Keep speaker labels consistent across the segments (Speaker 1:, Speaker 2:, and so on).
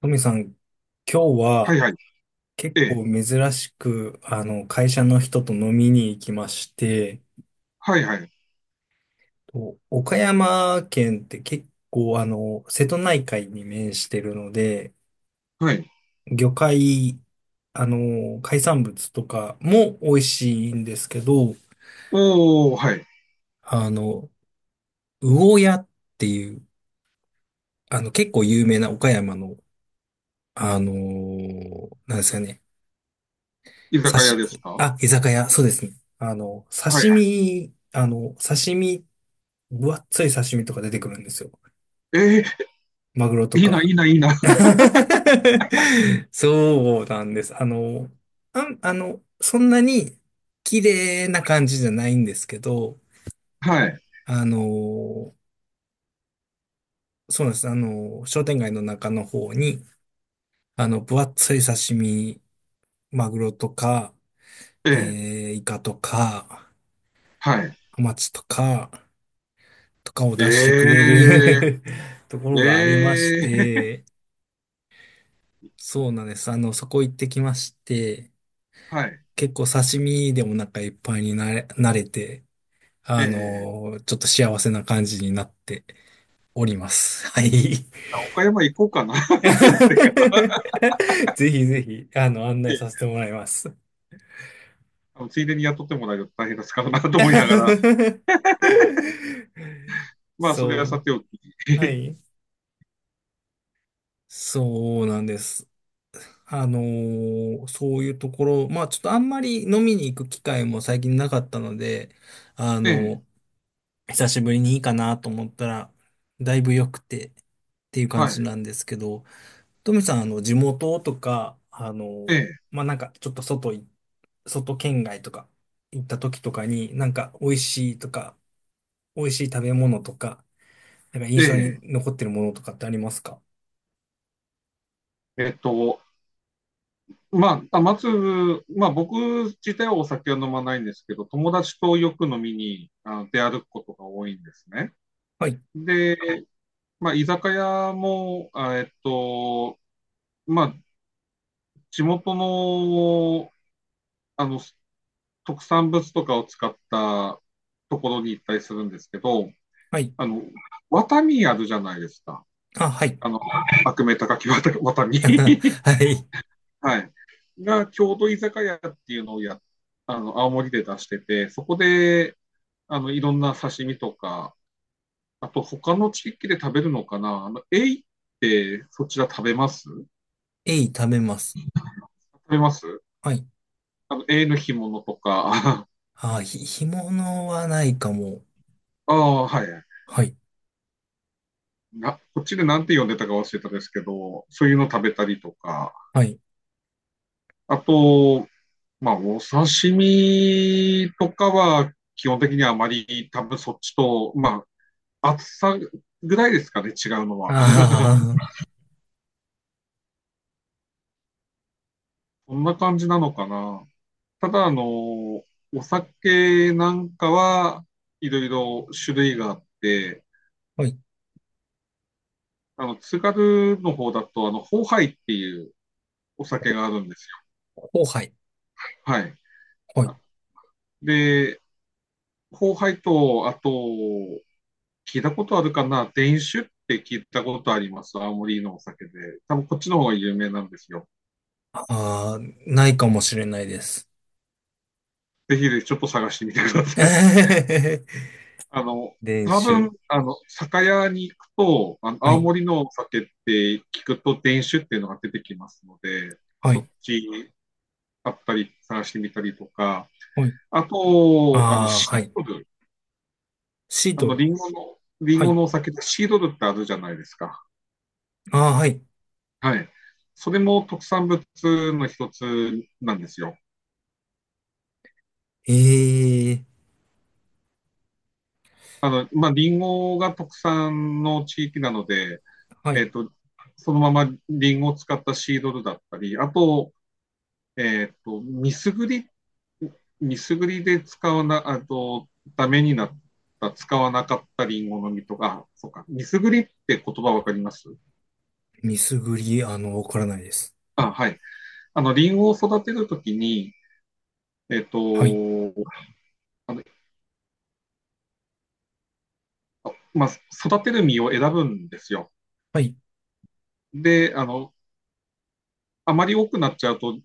Speaker 1: トミさん、今日
Speaker 2: は
Speaker 1: は
Speaker 2: いはい。
Speaker 1: 結
Speaker 2: え
Speaker 1: 構
Speaker 2: え。
Speaker 1: 珍しく、会社の人と飲みに行きまして、
Speaker 2: はいはい。
Speaker 1: と岡山県って結構、瀬戸内海に面してるので、
Speaker 2: はい。
Speaker 1: 魚介、海産物とかも美味しいんですけど、
Speaker 2: おーはい。
Speaker 1: あの、魚屋っていう、結構有名な岡山の、あの、なんですかね、
Speaker 2: 居
Speaker 1: 刺
Speaker 2: 酒屋
Speaker 1: し、
Speaker 2: ですか、は
Speaker 1: あ、居酒屋、そうですね。
Speaker 2: いはい。
Speaker 1: 刺身、分厚い刺身とか出てくるんですよ。
Speaker 2: え
Speaker 1: マグロと
Speaker 2: え、いいな、い
Speaker 1: か。
Speaker 2: いな、いいな。
Speaker 1: そうなんです。そんなに綺麗な感じじゃないんですけど、
Speaker 2: はい。
Speaker 1: あの、そうなんです。商店街の中の方に、分厚い刺身、マグロとか、
Speaker 2: ええ、
Speaker 1: イカとか、
Speaker 2: はい。
Speaker 1: ハマチとか、とかを
Speaker 2: え
Speaker 1: 出してくれ
Speaker 2: え、
Speaker 1: る ところがありまし
Speaker 2: ええ、
Speaker 1: て、そうなんです。そこ行ってきまして、
Speaker 2: はい。
Speaker 1: 結構刺身でお腹いっぱいになれて、
Speaker 2: ええ、
Speaker 1: ちょっと幸せな感じになっております。はい。
Speaker 2: 岡山行こうかな。
Speaker 1: ぜひぜひ、案
Speaker 2: え
Speaker 1: 内
Speaker 2: え、
Speaker 1: させてもらいます。
Speaker 2: あのついでに雇ってもらえると大変ですからなと思いながら。まあ、それ
Speaker 1: そ
Speaker 2: はさておき。
Speaker 1: う。は い。そうなんです。そういうところ、まあちょっとあんまり飲みに行く機会も最近なかったので、あ
Speaker 2: ええ、
Speaker 1: の久しぶりにいいかなと思ったら、だいぶ良くてっていう感
Speaker 2: は
Speaker 1: じ
Speaker 2: い。
Speaker 1: なんですけど、トミさん、地元とか、
Speaker 2: ええ、
Speaker 1: まあなんかちょっと外県外とか行った時とかに、なんか美味しいとか、美味しい食べ物とか、なんか印
Speaker 2: え
Speaker 1: 象
Speaker 2: え。
Speaker 1: に残ってるものとかってありますか？
Speaker 2: えっと、まあ、玉粒、まあ、僕自体はお酒は飲まないんですけど、友達とよく飲みに出歩くことが多いんですね。
Speaker 1: はい、
Speaker 2: で、まあ、居酒屋も、あまあ、地元の、あの特産物とかを使ったところに行ったりするんですけど、
Speaker 1: はい、
Speaker 2: あの、ワタミあるじゃないですか。
Speaker 1: あ、はい、
Speaker 2: あの、悪名高きワタミ。
Speaker 1: はい、
Speaker 2: はい。が、郷土居酒屋っていうのをや、あの、青森で出してて、そこで、あの、いろんな刺身とか、あと他の地域で食べるのかな、あの、エイってそちら食べます、
Speaker 1: えい、食べます。
Speaker 2: べます
Speaker 1: はい。
Speaker 2: あの、エイの干物とか、
Speaker 1: ああ、ひ、干物はないかも。
Speaker 2: ああ、はい。
Speaker 1: はい。
Speaker 2: な、こっちでなんて呼んでたか忘れたですけど、そういうの食べたりとか、
Speaker 1: はい。
Speaker 2: あと、まあ、お刺身とかは、基本的にはあまり多分そっちと、まあ、厚さぐらいですかね、違うのは。
Speaker 1: ああ、
Speaker 2: こんな感じなのかな。ただ、あの、お酒なんかはいろいろ種類があって、
Speaker 1: はい。
Speaker 2: あの、津軽の方だと、あの、ホーハイっていうお酒があるんですよ。
Speaker 1: 後輩。
Speaker 2: はい。
Speaker 1: はい。
Speaker 2: で、ホーハイと、あと、聞いたことあるかな、伝酒って聞いたことあります。青森のお酒で。多分こっちの方が有名なんですよ。
Speaker 1: ああ、ないかもしれないです。
Speaker 2: ぜひ、ちょっと探してみてください。あの、
Speaker 1: 練
Speaker 2: 多
Speaker 1: 習。
Speaker 2: 分、あの、酒屋に行くと、あの、
Speaker 1: は
Speaker 2: 青
Speaker 1: い。
Speaker 2: 森のお酒って聞くと伝酒っていうのが出てきますので、
Speaker 1: は
Speaker 2: そっ
Speaker 1: い。
Speaker 2: ちあったり探してみたりとか、
Speaker 1: はい。
Speaker 2: あ
Speaker 1: あ
Speaker 2: と、あの、
Speaker 1: あ、
Speaker 2: シ
Speaker 1: は
Speaker 2: ー
Speaker 1: い。
Speaker 2: ドル、
Speaker 1: シー
Speaker 2: あ
Speaker 1: ト
Speaker 2: の、
Speaker 1: ル。
Speaker 2: リンゴの、
Speaker 1: はい。
Speaker 2: お酒ってシードルってあるじゃないですか。
Speaker 1: ああ、はい。
Speaker 2: はい。それも特産物の一つなんですよ。
Speaker 1: ええ、
Speaker 2: あの、まあ、リンゴが特産の地域なので、
Speaker 1: は
Speaker 2: え
Speaker 1: い。
Speaker 2: っと、そのままリンゴを使ったシードルだったり、あと、ミスグリ、ミスグリで使わな、あと、ダメになった、使わなかったリンゴの実とか、あ、そうか、ミスグリって言葉わかります？
Speaker 1: ミスグリ、わからないです。
Speaker 2: あ、はい。あの、リンゴを育てるときに、えっと、
Speaker 1: はい。
Speaker 2: あの、まあ、育てる実を選ぶんですよ。
Speaker 1: はい。
Speaker 2: で、あの、あまり多くなっちゃうと、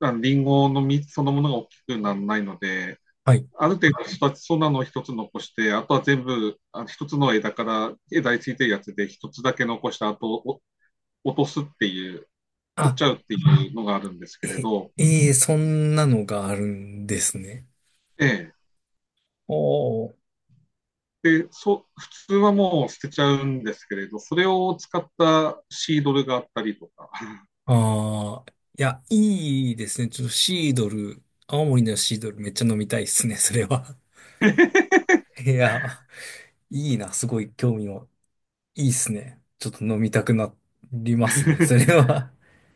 Speaker 2: あのリンゴの実そのものが大きくならないので、
Speaker 1: はい。
Speaker 2: ある程度育ちそうなのを一つ残して、あとは全部、あ一つの枝から、枝についてるやつで一つだけ残して、あとお落とすっていう、取っ
Speaker 1: あ、
Speaker 2: ちゃうっていうのがあるんですけれ
Speaker 1: え、
Speaker 2: ど、
Speaker 1: ええ、そんなのがあるんですね。
Speaker 2: ええ、
Speaker 1: おー。
Speaker 2: でそ普通はもう捨てちゃうんですけれど、それを使ったシードルがあったりとか、
Speaker 1: ああ、いや、いいですね。ちょっとシードル、青森のシードルめっちゃ飲みたいですね、それは。いや、いいな、すごい興味を。いいっすね。ちょっと飲みたくなりますね、それは。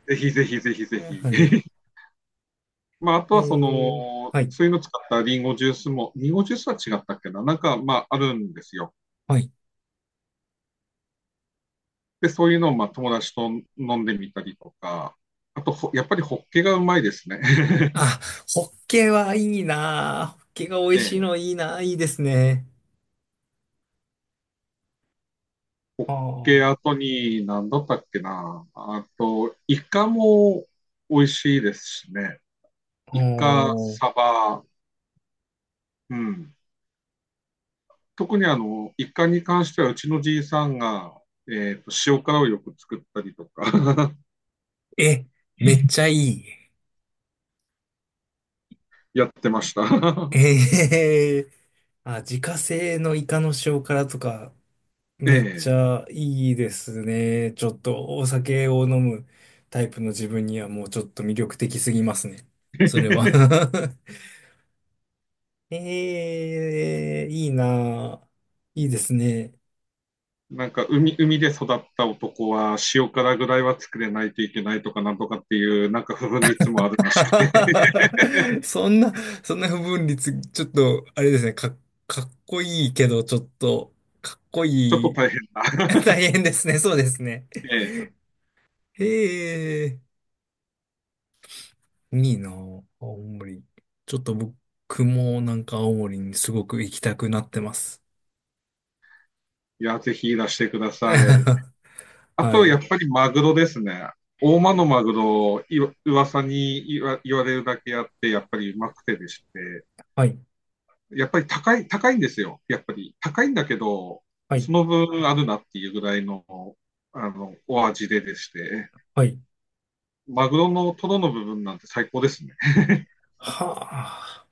Speaker 2: ぜひぜひぜひぜ ひ。
Speaker 1: はい。
Speaker 2: まあ、あと
Speaker 1: え
Speaker 2: はそ
Speaker 1: ー、
Speaker 2: の、
Speaker 1: はい。
Speaker 2: そういうの使ったリンゴジュースも、リンゴジュースは違ったっけな、なんかまああるんですよ。
Speaker 1: はい。
Speaker 2: で、そういうのをまあ友達と飲んでみたりとか、あとほ、やっぱりホッケがうまいですね。
Speaker 1: あ、ホッケはいいな。ホッケが美
Speaker 2: え
Speaker 1: 味
Speaker 2: え、
Speaker 1: しい
Speaker 2: ホッ
Speaker 1: のいいな。いいですね。あ
Speaker 2: ケ
Speaker 1: あ。
Speaker 2: 後に何だったっけな。あと、イカも美味しいですしね。
Speaker 1: お
Speaker 2: イカ、
Speaker 1: ー。
Speaker 2: サバ、うん。特にあの、イカに関してはうちのじいさんが、塩辛をよく作ったりとか
Speaker 1: え、めっちゃいい。
Speaker 2: やってました。
Speaker 1: ええ。あ、自家製のイカの塩辛とか、めっち
Speaker 2: え
Speaker 1: ゃいいですね。ちょっとお酒を飲むタイプの自分にはもうちょっと魅力的すぎますね。それは
Speaker 2: え、
Speaker 1: ええ、いいなあ、いいですね。
Speaker 2: なんか海、海で育った男は塩辛ぐらいは作れないといけないとかなんとかっていう、なんか不分率もあるらしく、
Speaker 1: そんな、そんな不分率、ちょっと、あれですね、かっこいいけど、ちょっと、かっこ
Speaker 2: ちょっ
Speaker 1: い
Speaker 2: と
Speaker 1: い。
Speaker 2: 大変だ。
Speaker 1: 大変ですね、そうですね。
Speaker 2: ええ、
Speaker 1: へえ。いいなぁ、青森。ちょっと僕もなんか青森にすごく行きたくなってます。
Speaker 2: いや、ぜひいらしてください。あ
Speaker 1: は
Speaker 2: と、や
Speaker 1: い。
Speaker 2: っぱりマグロですね。大間のマグロ、いわ噂に言わ言われるだけあって、やっぱりうまくてでして、
Speaker 1: はい。
Speaker 2: やっぱり高い、高いんですよ。やっぱり高いんだけど、
Speaker 1: は
Speaker 2: そ
Speaker 1: い。
Speaker 2: の分あるなっていうぐらいの、あの、お味ででして、
Speaker 1: はい。
Speaker 2: マグロのトロの部分なんて最高ですね。
Speaker 1: はあ。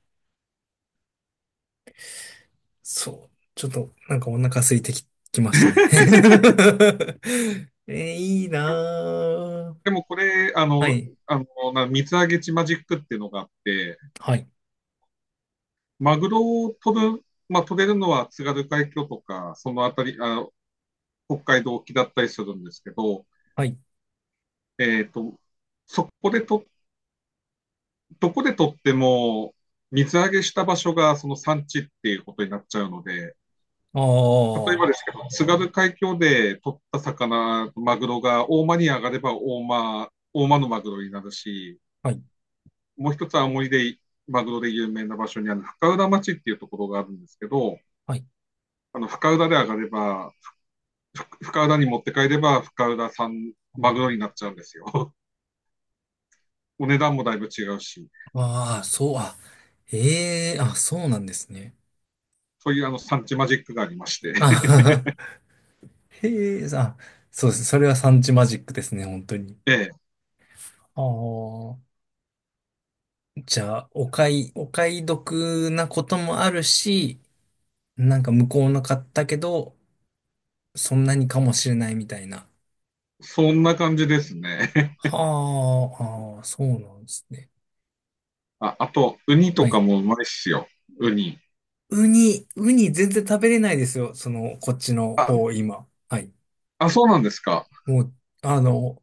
Speaker 1: そう。ちょっとなんかお腹空いてき、きましたね。えー、いいなぁ。
Speaker 2: でもこれ、
Speaker 1: はい。
Speaker 2: な水揚げ地マジックっていうのがあって、
Speaker 1: はい。
Speaker 2: マグロを取る、まあ、取れるのは津軽海峡とか、そのあたり、あ、北海道沖だったりするんですけど、
Speaker 1: はい。
Speaker 2: えっと、そこでと、どこで取っても、水揚げした場所がその産地っていうことになっちゃうので、
Speaker 1: ああ。
Speaker 2: 例えば
Speaker 1: は
Speaker 2: ですけど、津軽海峡で取った魚、マグロが大間に上がれば大間、大間のマグロになるし、
Speaker 1: い。
Speaker 2: もう一つは青森で、マグロで有名な場所にある深浦町っていうところがあるんですけど、
Speaker 1: はい。
Speaker 2: あの、深浦で上がれば、深浦に持って帰れば、深浦産マグロになっちゃうんですよ。お値段もだいぶ違うし、
Speaker 1: ああ、そう、あ、ええ、あ、そうなんですね。
Speaker 2: そういうあの、産地マジックがありまして。
Speaker 1: あ はは。へえ、あ、そうです。それは産地マジックですね、本当に。
Speaker 2: ええ、
Speaker 1: ああ、じゃあ、お買い得なこともあるし、なんか向こうの買ったけど、そんなにかもしれないみたいな。
Speaker 2: そんな感じですね。
Speaker 1: はあ、ああ、そうなんですね。
Speaker 2: あ、あと、ウニ
Speaker 1: は
Speaker 2: とか
Speaker 1: い。
Speaker 2: もうまいっすよ。ウニ。
Speaker 1: ウニ全然食べれないですよ。その、こっちの
Speaker 2: あ、
Speaker 1: 方、今。はい。
Speaker 2: あ、そうなんですか。
Speaker 1: もう、あの、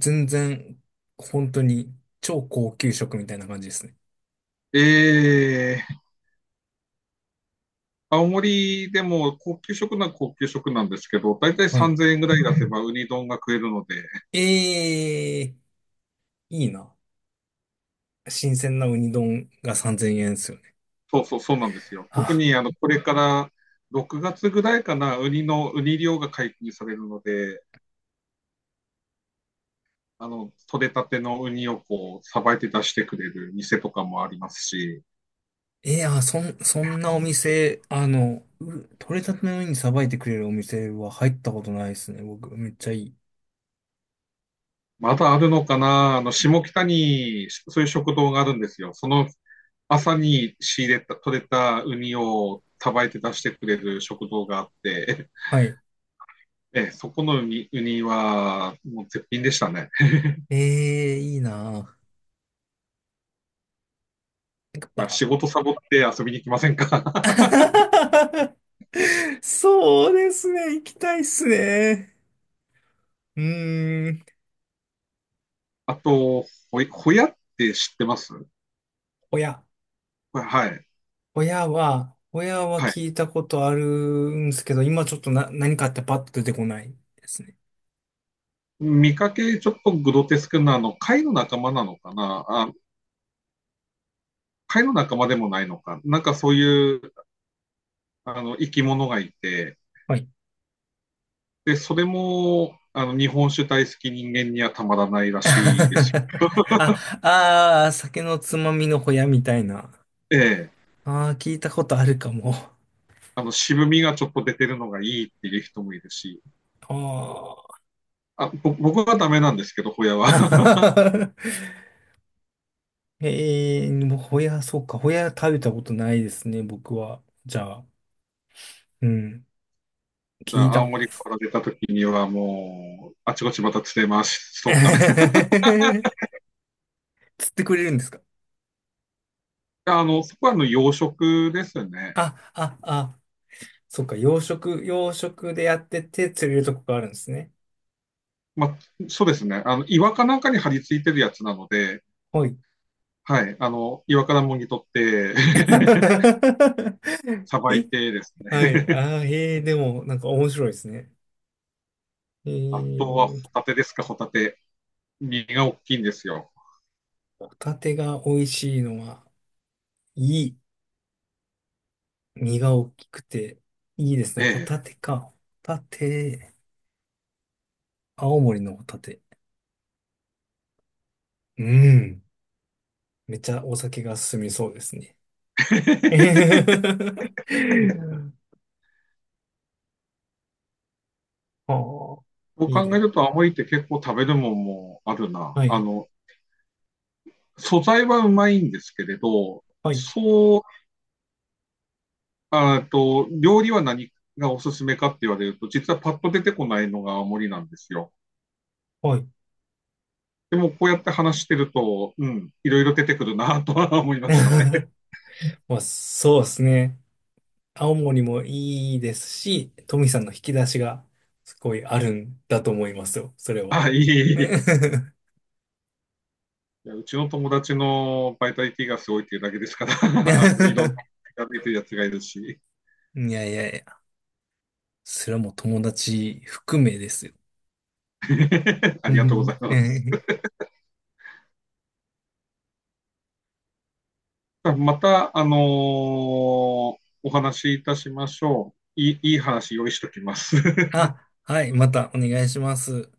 Speaker 1: 全然、本当に、超高級食みたいな感じですね。
Speaker 2: ええ、青森でも高級食なら高級食なんですけど、だいたい
Speaker 1: はい。
Speaker 2: 3000円ぐらい出せばウニ丼が食えるので、
Speaker 1: ええ、いいな。新鮮なウニ丼が3000円ですよね。
Speaker 2: そうそう、そうなんですよ。特
Speaker 1: あ、
Speaker 2: にあのこれから6月ぐらいかな、ウニの、ウニ漁が解禁されるので、あの、取れたてのウニをこう、さばいて出してくれる店とかもありますし、
Speaker 1: いや、そんなお店、取れたてのウニさばいてくれるお店は入ったことないですね。僕、めっちゃいい。
Speaker 2: まだあるのかな、あの、下北にそういう食堂があるんですよ。その朝に仕入れた、取れたウニをさばいて出してくれる食堂があって、
Speaker 1: はい。
Speaker 2: ええ、そこのウニ、ウニはもう絶品でしたね。
Speaker 1: ええ、いいなぁ。やっぱ、
Speaker 2: 仕事サボって遊びに来ませんか？
Speaker 1: そうですね。行きたいっすね。うーん。
Speaker 2: あと、ほい、ほやって知ってます？
Speaker 1: 親。
Speaker 2: これはい。
Speaker 1: 親は
Speaker 2: はい。
Speaker 1: 聞いたことあるんですけど、今ちょっとな、何かってパッと出てこないですね。
Speaker 2: 見かけちょっとグロテスクな、あの、貝の仲間なのかなあ、貝の仲間でもないのか。なんかそういう、あの、生き物がいて、
Speaker 1: はい
Speaker 2: で、それも、あの、日本酒大好き人間にはたまらないらしいですよ。
Speaker 1: あ、ああ、酒のつまみのホヤみたいな。
Speaker 2: ええ。
Speaker 1: ああ、聞いたことあるかも。
Speaker 2: あの、渋みがちょっと出てるのがいいっていう人もいるし、
Speaker 1: あ
Speaker 2: あ、ぼ僕はダメなんですけど、ホヤは。
Speaker 1: あ。ええもうホヤ、そうか。ホヤ食べたことないですね、僕は。じゃあ、うん。
Speaker 2: じゃ
Speaker 1: 聞い
Speaker 2: あ、
Speaker 1: た
Speaker 2: 青
Speaker 1: こ
Speaker 2: 森か ら出た時にはもう、あちこちまた釣れます。そっか、
Speaker 1: 釣ってくれるんですか？
Speaker 2: やあの、そこはあの養殖ですね。
Speaker 1: あ、あ、あ、そうか。養殖でやってて釣れるとこがあるんですね。
Speaker 2: まあ、そうですね。あの、岩かなんかに張り付いてるやつなので、
Speaker 1: はい。
Speaker 2: はい。あの、岩からもぎ取って さばい
Speaker 1: え、
Speaker 2: てです
Speaker 1: は
Speaker 2: ね。
Speaker 1: い。ああ、えー、でも、なんか面白いですね。え
Speaker 2: あとはホ
Speaker 1: ー、
Speaker 2: タテですか、ホタテ。身が大きいんですよ。
Speaker 1: ホタテが美味しいのは、いい。身が大きくて、いいです
Speaker 2: え
Speaker 1: ね。ホタ
Speaker 2: え。
Speaker 1: テか。ホタテ。青森のホタテ。うん。めっちゃお酒が進みそうですね。はあ、
Speaker 2: そう
Speaker 1: いい
Speaker 2: 考え
Speaker 1: ね。
Speaker 2: ると、青森って結構食べるもんもあるな。
Speaker 1: は
Speaker 2: あ
Speaker 1: い。
Speaker 2: の、素材はうまいんですけれど、
Speaker 1: はい。
Speaker 2: そう、あーと、料理は何がおすすめかって言われると、実はパッと出てこないのが青森なんですよ。
Speaker 1: はい。
Speaker 2: でも、こうやって話してると、うん、いろいろ出てくるなとは思い ましたね。
Speaker 1: まあ、そうですね。青森もいいですし、トミさんの引き出しがすごいあるんだと思いますよ。それは。
Speaker 2: あ、いいいい、 いやうちの友達のバイタリティがすごいっていうだけですから、あの、いろんな。やってるやつがいるし、
Speaker 1: いやいやいや、それはもう友達含めですよ。
Speaker 2: あ
Speaker 1: う
Speaker 2: りがとうござい
Speaker 1: ん
Speaker 2: ます。また、あのーお話しいたしましょう。いい、いい話用意しときます。
Speaker 1: あ、はい、またお願いします。